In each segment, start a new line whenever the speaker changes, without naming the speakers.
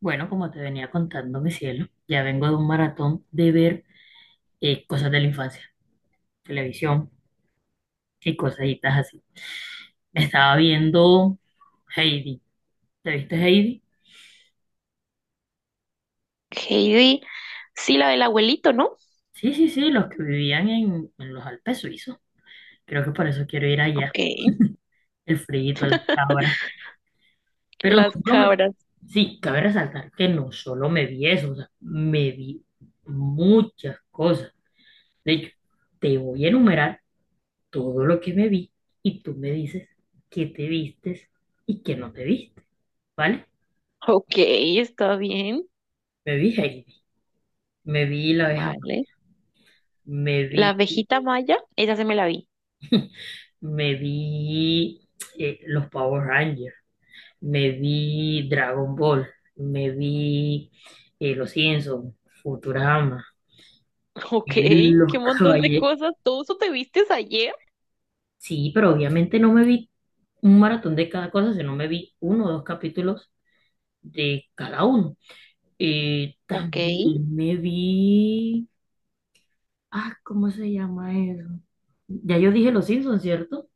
Bueno, como te venía contando, mi cielo, ya vengo de un maratón de ver cosas de la infancia, televisión y cositas así. Me estaba viendo Heidi. ¿Te viste Heidi?
Heidi, sí, la del abuelito, ¿no?
Sí, sí, sí, los que vivían en los Alpes suizos. Creo que por eso quiero ir allá,
Ok,
el frío, las cabras. Pero no
las
solo me...
cabras.
Sí, cabe resaltar que no solo me vi eso, o sea, me vi muchas cosas. De hecho, te voy a enumerar todo lo que me vi y tú me dices qué te vistes y qué no te viste, ¿vale?
Ok, está bien.
Me vi Heidi, me vi la abeja, Maya,
Vale.
me vi,
La abejita maya, esa se me la vi.
me vi los Power Rangers, me vi Dragon Ball, me vi Los Simpsons, Futurama,
Ok,
y
qué
Los
montón de
Caballeros.
cosas. ¿Todo eso te vistes ayer?
Sí, pero obviamente no me vi un maratón de cada cosa, sino me vi uno o dos capítulos de cada uno.
Ok,
También me vi. Ah, ¿cómo se llama eso? Ya yo dije Los Simpsons, ¿cierto?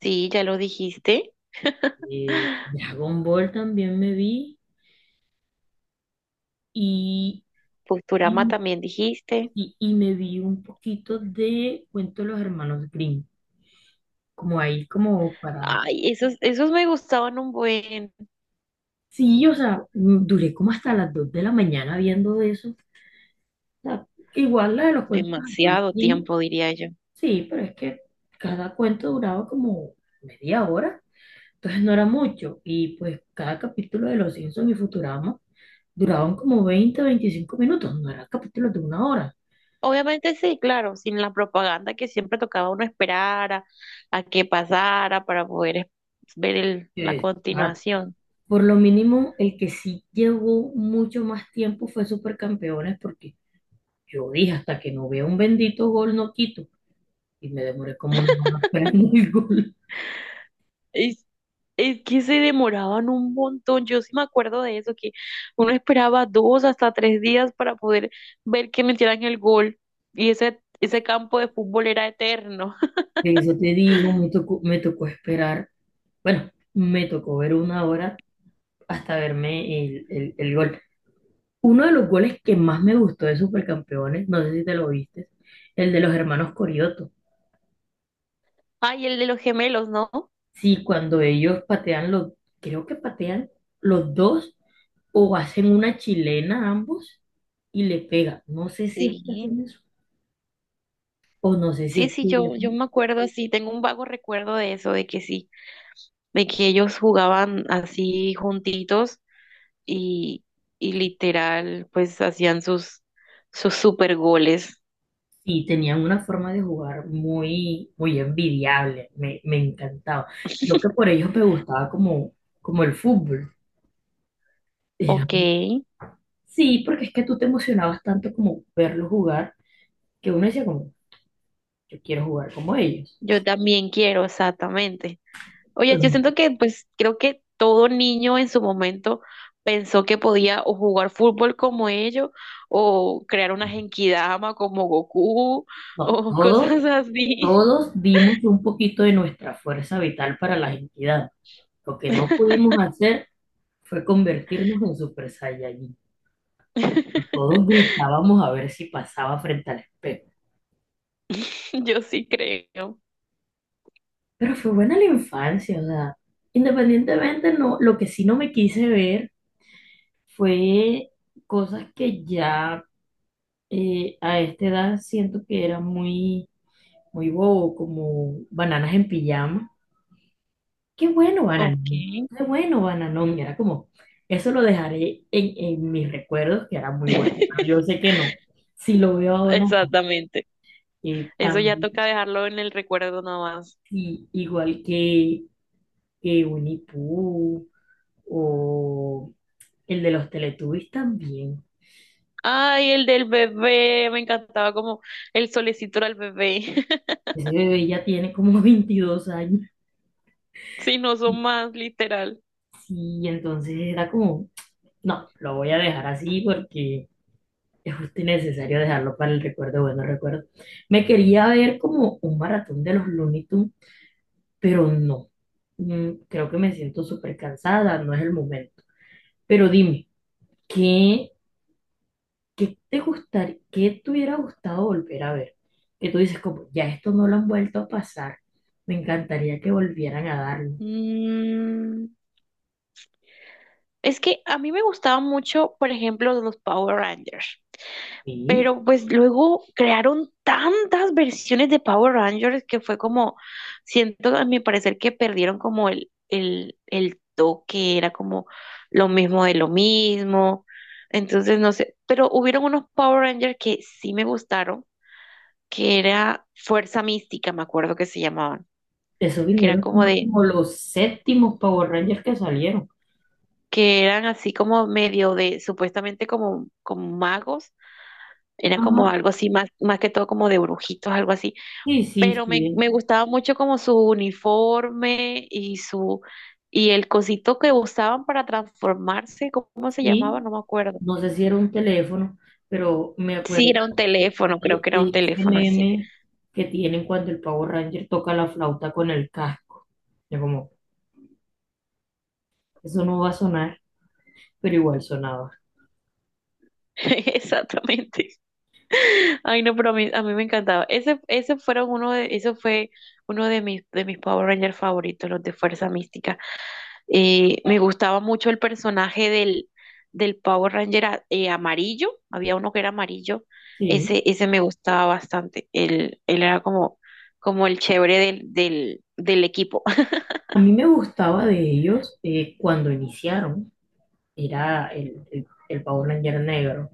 sí, ya lo dijiste.
Dragon Ball también me vi y,
Posturama
y,
también dijiste.
y me vi un poquito de Cuento de los Hermanos Grimm, como ahí, como para...
Ay, esos, esos me gustaban un buen,
Sí, o sea, duré como hasta las 2 de la mañana viendo eso. O sea, igual la de los cuentos de los hermanos
demasiado
Grimm,
tiempo, diría yo.
sí, pero es que cada cuento duraba como media hora, entonces no era mucho. Y pues cada capítulo de Los Simpsons y Futurama duraban como 20, 25 minutos, no eran capítulos de una hora.
Obviamente sí, claro, sin la propaganda que siempre tocaba uno esperar a que pasara para poder ver la
Eh, ah,
continuación.
por lo mínimo, el que sí llevó mucho más tiempo fue Supercampeones, porque yo dije, hasta que no vea un bendito gol, no quito. Y me demoré como una hora esperando el gol.
Es, es que se demoraban un montón, yo sí me acuerdo de eso, que uno esperaba dos hasta tres días para poder ver que metieran el gol y ese campo de fútbol era eterno.
De eso te digo, me tocó esperar, bueno, me tocó ver una hora hasta verme el gol. Uno de los goles que más me gustó de Supercampeones, no sé si te lo viste, el de los hermanos Corioto.
Ay, el de los gemelos, ¿no?
Sí, cuando ellos patean los, creo que patean los dos o hacen una chilena ambos y le pega. No sé si es que
Sí,
hacen eso o no sé si
sí,
es
sí,
que ellos-
yo me acuerdo, sí, tengo un vago recuerdo de eso, de que sí, de que ellos jugaban así juntitos y, y literal, pues hacían sus, sus super goles.
sí, tenían una forma de jugar muy, muy envidiable. Me encantaba. Lo que por ellos me gustaba como el fútbol. Era-
Ok,
sí, porque es que tú te emocionabas tanto como verlos jugar que uno decía como, yo quiero jugar como ellos.
yo también quiero, exactamente. Oye,
Pero
yo siento que, pues, creo que todo niño en su momento pensó que podía o jugar fútbol como ellos, o crear una genkidama como Goku,
no,
o
no
cosas
todos.
así.
Todos dimos un poquito de nuestra fuerza vital para la entidad. Lo que no pudimos hacer fue convertirnos en Super Saiyajin. Todos gritábamos a ver si pasaba frente al espejo.
Yo sí creo.
Pero fue buena la infancia, o sea, independientemente, no, lo que sí no me quise ver fue cosas que ya a esta edad siento que era muy, muy bobo, como bananas en pijama. Qué bueno,
Ok.
Bananón. Qué bueno, Bananón. Era como, eso lo dejaré en mis recuerdos, que era muy bueno. Pero yo sé que no. Si lo veo ahora, no.
Exactamente.
Eh,
Eso ya
tam-
toca dejarlo en el recuerdo nada más.
igual que Winnie Pooh o el de los Teletubbies también.
Ay, el del bebé, me encantaba como el solecito era el bebé.
Ese bebé ya tiene como 22 años.
Si no son más, literal.
Sí, entonces era como, no, lo voy a dejar así porque es justo y necesario dejarlo para el recuerdo, bueno recuerdo. Me quería ver como un maratón de los Looney Tunes, pero no. Creo que me siento súper cansada, no es el momento. Pero dime, ¿qué, qué te gustaría, qué te hubiera gustado volver a ver? Que tú dices, como, ya esto no lo han vuelto a pasar, me encantaría que volvieran a darlo.
Mm, es que a mí me gustaban mucho, por ejemplo, los Power Rangers,
Sí,
pero pues luego crearon tantas versiones de Power Rangers que fue como, siento a mi parecer que perdieron como el toque, era como lo mismo de lo mismo. Entonces, no sé, pero hubieron unos Power Rangers que sí me gustaron, que era Fuerza Mística, me acuerdo que se llamaban,
eso
que eran
vinieron
como
siendo
de,
como los séptimos Power Rangers que salieron.
que eran así como medio de, supuestamente como, como magos, era como
Ajá.
algo así, más, más que todo como de brujitos, algo así,
Sí, sí,
pero me,
sí,
me gustaba mucho como su uniforme y su, y el cosito que usaban para transformarse. ¿Cómo se llamaba?
sí.
No me acuerdo.
No sé si era un teléfono, pero me
Sí,
acuerdo
era un teléfono, creo que
de,
era
de
un
ese
teléfono así.
meme que tienen cuando el Power Ranger toca la flauta con el casco. Yo como, eso no va a sonar, pero igual sonaba.
Exactamente. Ay, no, pero a mí me encantaba. Ese fueron uno de, eso fue uno de mis Power Rangers favoritos, los de Fuerza Mística. Me gustaba mucho el personaje del, del Power Ranger amarillo. Había uno que era amarillo.
Sí.
Ese me gustaba bastante. Él era como, como el chévere del equipo.
A mí me gustaba de ellos cuando iniciaron, era el Power Ranger negro.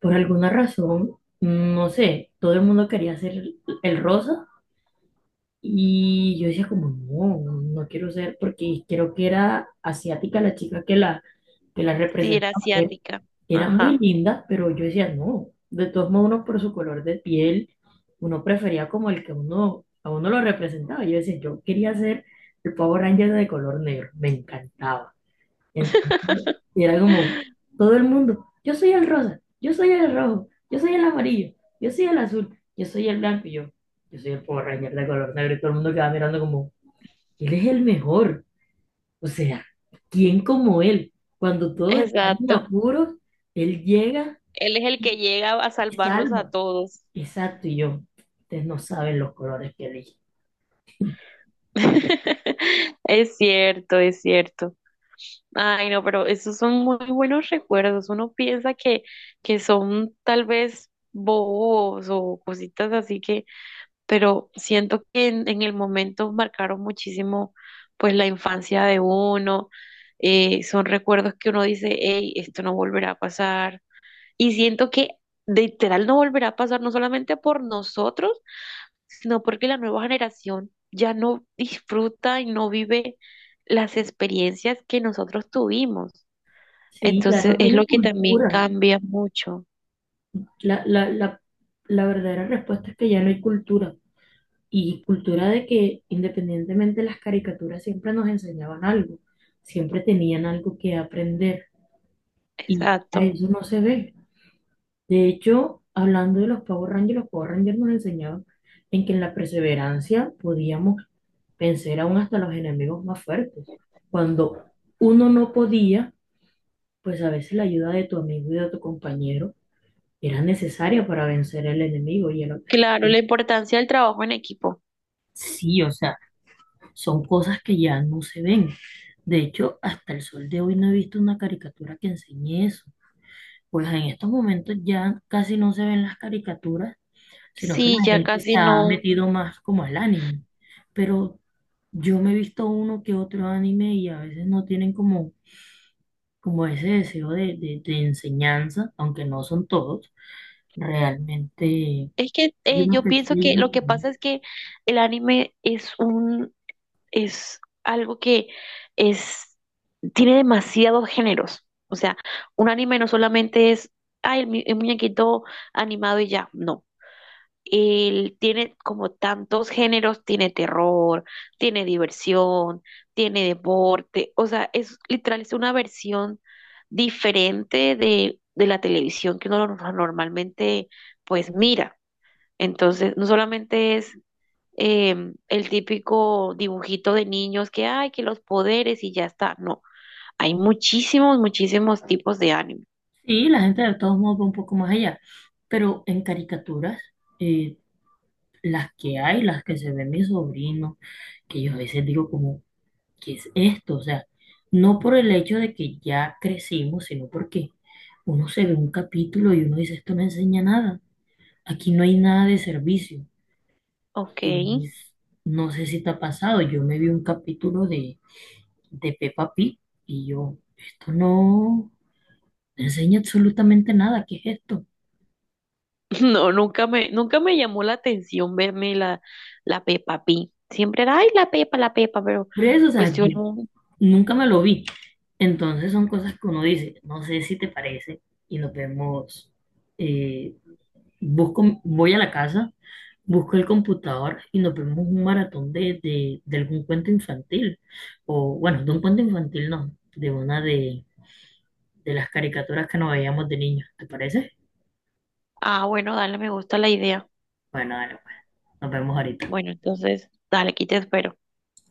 Por alguna razón, no sé, todo el mundo quería ser el rosa y yo decía como, no, no, no quiero ser, porque creo que era asiática la chica que la
Sí, era
representaba. Era,
asiática.
era muy
Ajá.
linda, pero yo decía, no, de todos modos uno por su color de piel, uno prefería como el que uno, a uno lo representaba. Yo decía, yo quería ser el Power Ranger de color negro, me encantaba. Entonces, era como todo el mundo, yo soy el rosa, yo soy el rojo, yo soy el amarillo, yo soy el azul, yo soy el blanco, y yo soy el Power Ranger de color negro, y todo el mundo quedaba mirando como, él es el mejor. O sea, ¿quién como él? Cuando todos están en
Exacto.
apuros, él llega
Él es el que llega a
y
salvarlos a
salva.
todos.
Exacto, y yo, ustedes no saben los colores que elige.
Es cierto, es cierto. Ay, no, pero esos son muy buenos recuerdos. Uno piensa que son tal vez bobos o cositas así que, pero siento que en el momento marcaron muchísimo pues la infancia de uno. Son recuerdos que uno dice, hey, esto no volverá a pasar. Y siento que literal no volverá a pasar, no solamente por nosotros, sino porque la nueva generación ya no disfruta y no vive las experiencias que nosotros tuvimos.
Sí, ya
Entonces
no
es
tiene
lo que también
cultura.
cambia mucho.
La, la, la, la verdadera respuesta es que ya no hay cultura. Y cultura de que independientemente las caricaturas siempre nos enseñaban algo, siempre tenían algo que aprender y a
Exacto.
eso no se ve. De hecho, hablando de los Power Rangers nos enseñaban en que en la perseverancia podíamos vencer aún hasta los enemigos más fuertes. Cuando uno no podía, pues a veces la ayuda de tu amigo y de tu compañero era necesaria para vencer el enemigo y el
Claro, la
objetivo.
importancia del trabajo en equipo.
Sí, o sea, son cosas que ya no se ven. De hecho, hasta el sol de hoy no he visto una caricatura que enseñe eso. Pues en estos momentos ya casi no se ven las caricaturas sino que la
Sí, ya
gente se
casi
ha
no.
metido más como al anime. Pero yo me he visto uno que otro anime y a veces no tienen como, como ese deseo de enseñanza, aunque no son todos, realmente.
Es que
Hay unos
yo
que
pienso
sí, hay
que
unos
lo
que
que
no.
pasa es que el anime es un, es algo que es, tiene demasiados géneros. O sea, un anime no solamente es, ay, el, el muñequito animado y ya, no. Él tiene como tantos géneros, tiene terror, tiene diversión, tiene deporte, o sea, es literal, es una versión diferente de la televisión que uno normalmente pues mira. Entonces, no solamente es el típico dibujito de niños que hay, que los poderes y ya está. No, hay muchísimos, muchísimos tipos de anime.
Sí, la gente de todos modos va un poco más allá, pero en caricaturas, eh, las que hay, las que se ven mis sobrinos, que yo a veces digo como, ¿qué es esto? O sea, no por el hecho de que ya crecimos, sino porque uno se ve un capítulo y uno dice, esto no enseña nada, aquí no hay nada de servicio.
Ok.
Y pues, no sé si te ha pasado, yo me vi un capítulo de Peppa Pig y yo, esto no enseña absolutamente nada, ¿qué es esto?
No, nunca me, nunca me llamó la atención verme la, la Peppa Pig. Siempre era, ay, la Pepa, pero
Por eso, o
pues
sea,
yo
yo
no.
nunca me lo vi. Entonces son cosas que uno dice, no sé si te parece y nos vemos. Eh, busco, voy a la casa, busco el computador y nos vemos un maratón de, de algún cuento infantil. O bueno, de un cuento infantil no, de una de las caricaturas que nos veíamos de niños. ¿Te parece?
Ah, bueno, dale, me gusta la idea.
Bueno, dale, pues. Nos vemos ahorita.
Bueno, entonces, dale, aquí te espero.